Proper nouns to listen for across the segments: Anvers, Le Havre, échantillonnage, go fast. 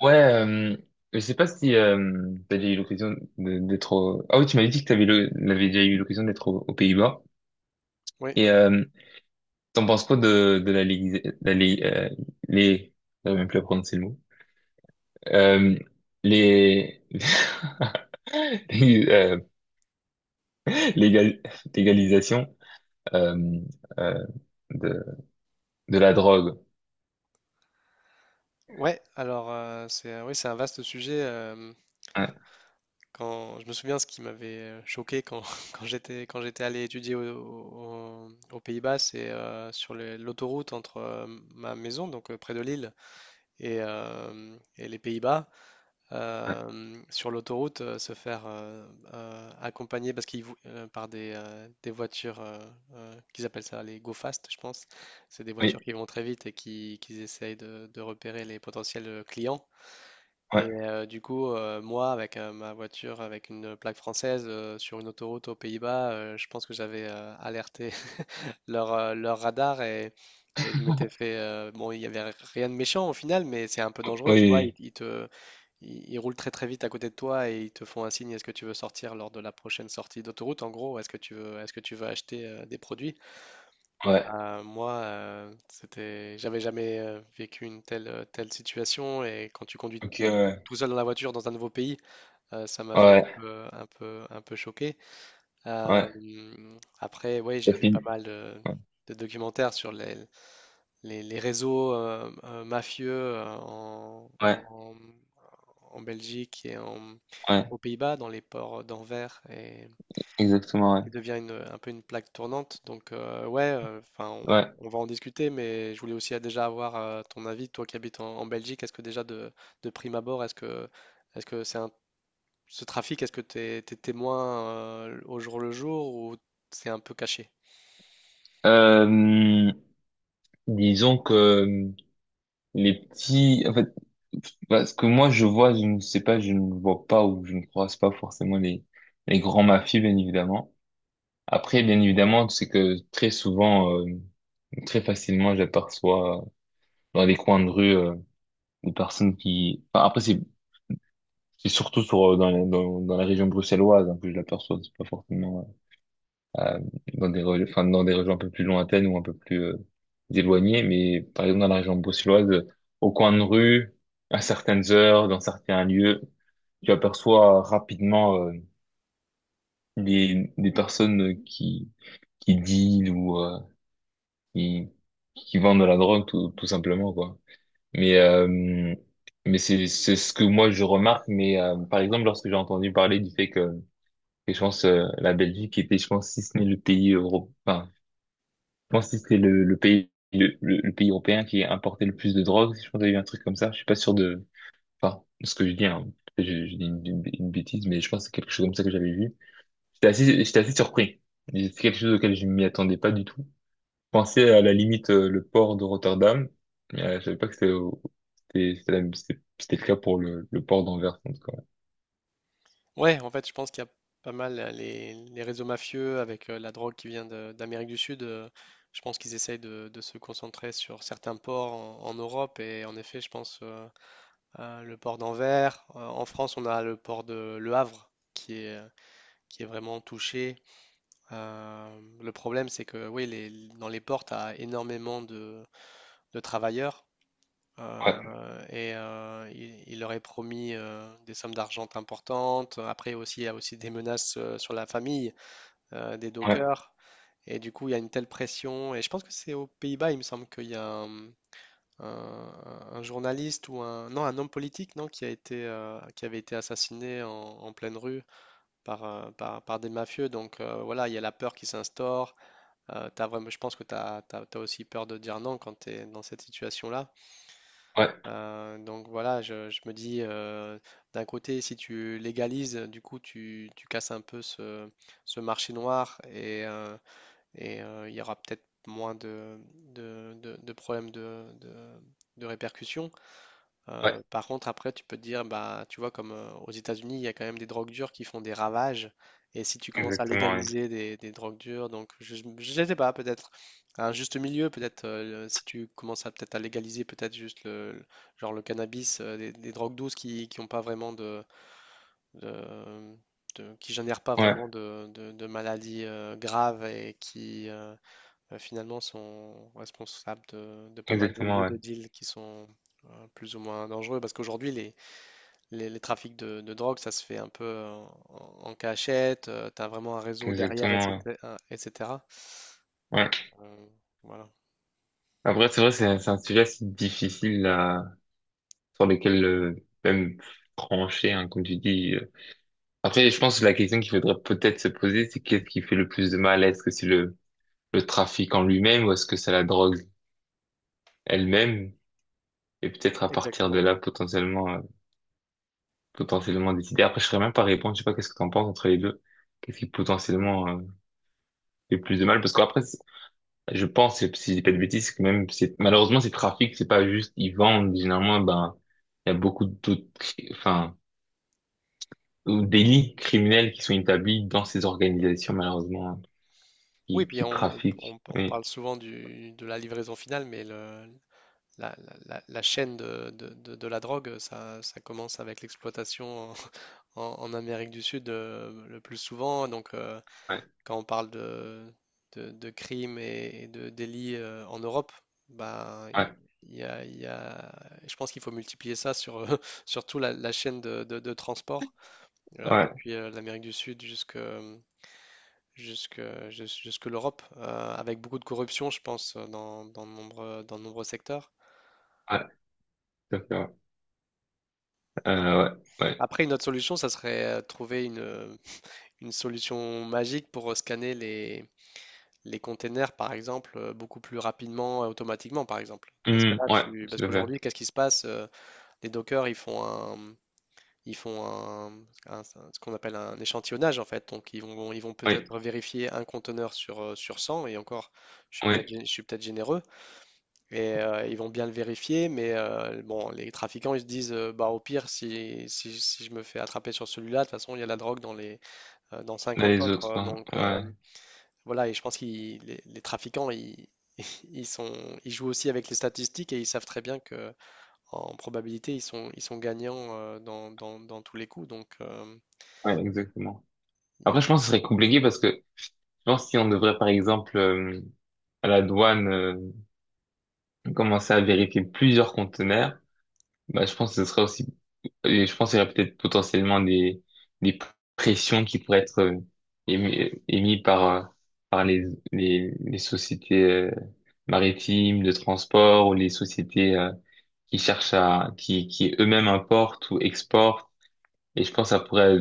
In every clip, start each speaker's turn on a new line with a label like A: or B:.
A: Ouais, euh, je sais pas si t'as déjà eu l'occasion d'être au... Ah oui, tu m'avais dit que t'avais le... l'avais déjà eu l'occasion d'être aux Pays-Bas.
B: Oui,
A: Et t'en penses quoi de la Ligue... La Ligue les... J'arrive même plus à prononcer le mot. Euh, les... les, euh, l'égal- l'égalisation euh, euh, de... de la drogue.
B: ouais, alors, c'est oui, c'est un vaste sujet.
A: Ouais,
B: Je me souviens ce qui m'avait choqué quand j'étais allé étudier aux Pays-Bas, c'est sur l'autoroute entre ma maison, donc près de Lille, et les Pays-Bas.
A: ouais,
B: Sur l'autoroute, se faire accompagner parce qu'ils par des voitures qu'ils appellent ça les go fast, je pense. C'est des voitures
A: oui,
B: qui vont très vite et qui essayent de repérer les potentiels clients. Et
A: ouais,
B: du coup, moi, avec ma voiture, avec une plaque française, sur une autoroute aux Pays-Bas, je pense que j'avais alerté leur radar et je m'étais fait... bon, il n'y avait rien de méchant au final, mais c'est un peu
A: oui,
B: dangereux, tu vois. Ils,
A: oui,
B: ils te, ils, ils roulent très très vite à côté de toi et ils te font un signe, est-ce que tu veux sortir lors de la prochaine sortie d'autoroute, en gros, est-ce que tu veux acheter des produits?
A: oui, ouais.
B: Moi, c'était, j'avais jamais vécu une telle situation et quand tu conduis
A: Ok, ouais,
B: tout seul dans la voiture dans un nouveau pays. Ça
A: ouais,
B: m'avait un
A: ouais,
B: peu un peu choqué.
A: ouais.
B: Après, ouais, j'ai
A: Ça
B: vu pas
A: finit.
B: mal
A: Ouais,
B: de documentaires sur les les réseaux, mafieux, heu, en
A: ouais,
B: en en Belgique et en
A: ouais.
B: aux Pays-Bas, dans les ports d'Anvers et
A: Exactement, ouais.
B: qui devient un peu une plaque tournante donc ouais, enfin, on
A: Ouais.
B: on va en discuter mais je voulais aussi, déjà avoir, ton avis, toi qui habites en Belgique. Est-ce que déjà de prime abord, est-ce que c'est un ce trafic, t'es témoin au jour le jour ou c'est un peu caché?
A: Euh, Disons que les petits, en fait, parce que moi je vois, je ne sais pas, je ne vois pas ou je ne croise pas forcément les grands mafieux, bien évidemment. Après, bien évidemment, c'est que très souvent, très facilement, j'aperçois dans des coins de rue des personnes qui. Enfin, après, c'est surtout sur dans la région bruxelloise hein, que je l'aperçois. C'est pas forcément euh, dans des, dans des régions un peu plus lointaines ou un peu plus éloignées. Mais par exemple, dans la région bruxelloise, au coin de rue, à certaines heures, dans certains lieux, tu aperçois rapidement des personnes qui dealent ou qui, qui vendent de la drogue, tout simplement, quoi. Mais, euh, mais c'est ce que moi je remarque. Mais par exemple, lorsque j'ai entendu parler du fait que je pense la Belgique était, je pense, si ce n'est le pays européen pense que c'était le pays européen qui importait le plus de drogue. Si Je pense qu'il y a eu un truc comme ça. Je suis pas sûr de enfin ce que je dis, hein. Je dis une bêtise, mais je pense que c'est quelque chose comme ça que j'avais vu. J'étais assez surpris. C'est quelque chose auquel je m'y attendais pas du tout. Je pensais à la limite le port de Rotterdam. Je savais pas que c'était c'était le cas pour le port d'Anvers en tout cas.
B: Ouais, en fait, je pense qu'il y a pas mal les réseaux mafieux avec la drogue qui vient d'Amérique du Sud. Je pense qu'ils essayent de se concentrer sur certains ports en Europe et en effet, je pense à le port d'Anvers. En France, on a le port de Le Havre qui est vraiment touché. Le problème, c'est que oui, dans les ports, tu as énormément de travailleurs.
A: Ouais,
B: Il leur est promis des sommes d'argent importantes. Après aussi, il y a aussi des menaces sur la famille des
A: ouais,
B: dockers. Et du coup, il y a une telle pression. Et je pense que c'est aux Pays-Bas, il me semble qu'il y a un- un journaliste ou non, un homme politique non, qui a été, qui avait été assassiné en pleine rue par par des mafieux. Donc voilà, il y a la peur qui s'instaure. T'as vraiment, je pense que tu as aussi peur de dire non quand tu es dans cette situation-là.
A: ouais,
B: Donc voilà, je me dis, d'un côté, si tu légalises, du coup, tu casses un peu ce marché noir, il y aura peut-être moins de problèmes de répercussions. Euh,
A: ouais,
B: par contre, après, tu peux te dire, bah, tu vois, comme aux États-Unis, il y a quand même des drogues dures qui font des ravages. Et si tu commences à
A: exactement, ouais,
B: légaliser des drogues dures, donc je ne sais pas, peut-être un juste milieu, peut-être si tu commences à peut-être à légaliser peut-être juste genre le cannabis, des drogues douces qui ont pas vraiment de- qui génèrent pas
A: ouais,
B: vraiment de maladies graves et qui finalement sont responsables de pas mal de
A: exactement,
B: lieux
A: ouais,
B: de deal qui sont plus ou moins dangereux parce qu'aujourd'hui les trafics de drogue, ça se fait un peu en cachette, tu as vraiment un réseau derrière
A: exactement, ouais.
B: etc. etc.
A: Ouais.
B: Donc euh, voilà,
A: Après, c'est vrai, c'est un sujet assez difficile là, sur lequel même trancher, hein, comme tu dis. Après, je pense que la question qu'il faudrait peut-être se poser, c'est qu'est-ce qui fait le plus de mal? Est-ce que c'est le trafic en lui-même ou est-ce que c'est la drogue elle-même? Et peut-être à partir de
B: exactement.
A: là, potentiellement, potentiellement décider. Après, je ne saurais même pas répondre. Je sais pas qu'est-ce que tu en penses entre les deux. Qu'est-ce qui potentiellement fait plus de mal? Parce qu'après, je pense, si je dis pas de bêtises, que même, malheureusement, ces trafics, c'est pas juste, ils vendent, généralement, ben, il y a beaucoup d'autres, ou délits criminels qui sont établis dans ces organisations, malheureusement, hein,
B: Oui, puis
A: qui trafiquent.
B: on
A: Oui,
B: parle souvent de la livraison finale, mais le, la- la- la chaîne de la drogue, ça commence avec l'exploitation en Amérique du Sud le plus souvent. Donc,
A: ouais,
B: quand on parle de crimes et de délits en Europe, ben,
A: ouais,
B: y a, il y a- je pense qu'il faut multiplier ça sur surtout la chaîne de transport, euh,
A: ouais,
B: depuis euh, l'Amérique du Sud jusque, jusque l'Europe, avec beaucoup de corruption, je pense, dans de nombreux secteurs.
A: ouais, tout à fait, ouais.
B: Ah.
A: Ouais.
B: Après, une autre solution, ça serait trouver une solution magique pour scanner les containers, par exemple, beaucoup plus rapidement, automatiquement, par exemple. Dans ce cas-là,
A: Ouais,
B: tu... parce
A: tout à fait.
B: qu'aujourd'hui, qu'est-ce qui se passe? Les Docker, ils font ce qu'on appelle un échantillonnage, en fait. Donc, ils vont
A: Oui,
B: peut-être vérifier un conteneur sur, sur 100, et encore, je suis peut-être,
A: oui,
B: je suis peut-être généreux, et ils vont bien le vérifier, mais bon, les trafiquants, ils se disent, bah, au pire, si je me fais attraper sur celui-là, de toute façon, il y a la drogue dans dans cinquante
A: les
B: autres,
A: autres, hein.
B: donc...
A: Ouais,
B: voilà, et je pense que les trafiquants, ils sont, ils jouent aussi avec les statistiques et ils savent très bien que en probabilité, ils sont gagnants dans tous les coups. Donc,
A: ouais, exactement.
B: il y
A: Après,
B: a...
A: je pense que ce serait compliqué parce que, je pense si on devrait, par exemple, à la douane, commencer à vérifier plusieurs conteneurs. Bah, je pense que ce sera aussi, et je pense qu'il y aurait peut-être potentiellement des pressions qui pourraient être émises par les sociétés maritimes de transport ou les sociétés qui cherchent qui eux-mêmes importent ou exportent. Et je pense que ça pourrait,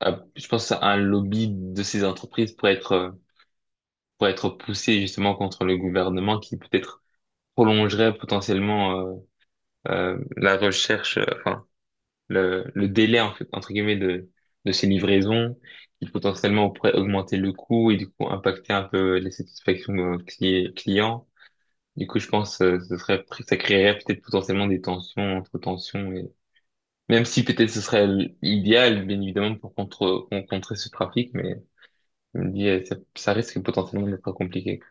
A: je pense à un lobby de ces entreprises pour être poussé justement contre le gouvernement qui peut-être prolongerait potentiellement la recherche, enfin le délai en fait, entre guillemets de ces livraisons qui potentiellement pourrait augmenter le coût et du coup impacter un peu les satisfactions clients. Du coup, je pense ce serait ça créerait peut-être potentiellement des tensions entre tensions et même si peut-être ce serait l'idéal bien évidemment pour contre pour contrer ce trafic, mais je me dis ça risque potentiellement d'être compliqué.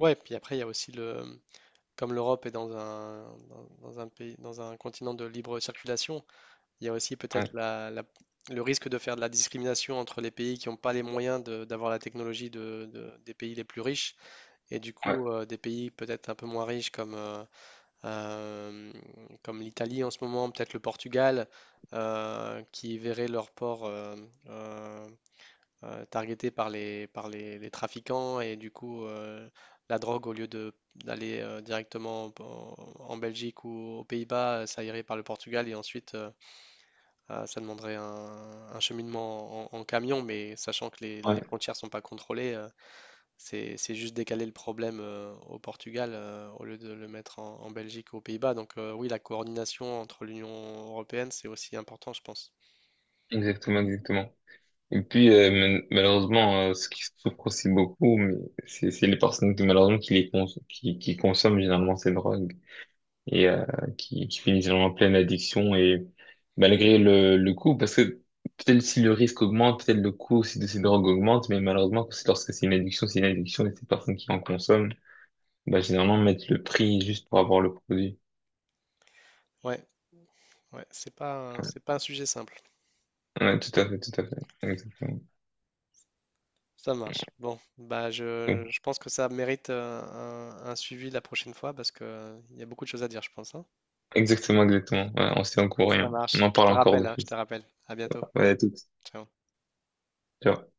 B: ouais, puis après, il y a aussi comme l'Europe est dans dans un pays, dans un continent de libre circulation, il y a aussi peut-être
A: Ouais,
B: le risque de faire de la discrimination entre les pays qui n'ont pas les moyens d'avoir la technologie des pays les plus riches et du
A: ouais,
B: coup, des pays peut-être un peu moins riches euh, comme l'Italie en ce moment, peut-être le Portugal, qui verraient leur port euh, targeté par les trafiquants et du coup la drogue, au lieu de d'aller directement en Belgique ou aux Pays-Bas, ça irait par le Portugal et ensuite ça demanderait un cheminement en camion, mais sachant que les
A: ouais,
B: frontières sont pas contrôlées, c'est juste décaler le problème au Portugal au lieu de le mettre en Belgique ou aux Pays-Bas. Donc oui, la coordination entre l'Union européenne, c'est aussi important, je pense.
A: exactement, exactement. Et puis, malheureusement, ce qui souffre aussi beaucoup, mais c'est les personnes qui, malheureusement, qui consomment généralement ces drogues et qui finissent généralement en pleine addiction et malgré le coût, parce que peut-être si le risque augmente, peut-être le coût aussi de ces drogues augmente, mais malheureusement, c'est lorsque c'est une addiction et ces personnes qui en consomment, bah, généralement, mettent le prix juste pour avoir le produit.
B: Ouais,
A: Ouais,
B: c'est pas un sujet simple.
A: ouais, tout à fait, tout à fait. Exactement.
B: Ça marche. Bon, bah
A: Bon.
B: je pense que ça mérite un suivi la prochaine fois parce que il y a beaucoup de choses à dire, je pense, hein.
A: Exactement, exactement. Ouais, on s'est en courant,
B: Ça
A: hein. On
B: marche.
A: en
B: Je te
A: parle encore
B: rappelle,
A: de
B: hein, je te
A: fils.
B: rappelle. À bientôt.
A: Ouais, à toutes.
B: Ciao.
A: Ciao.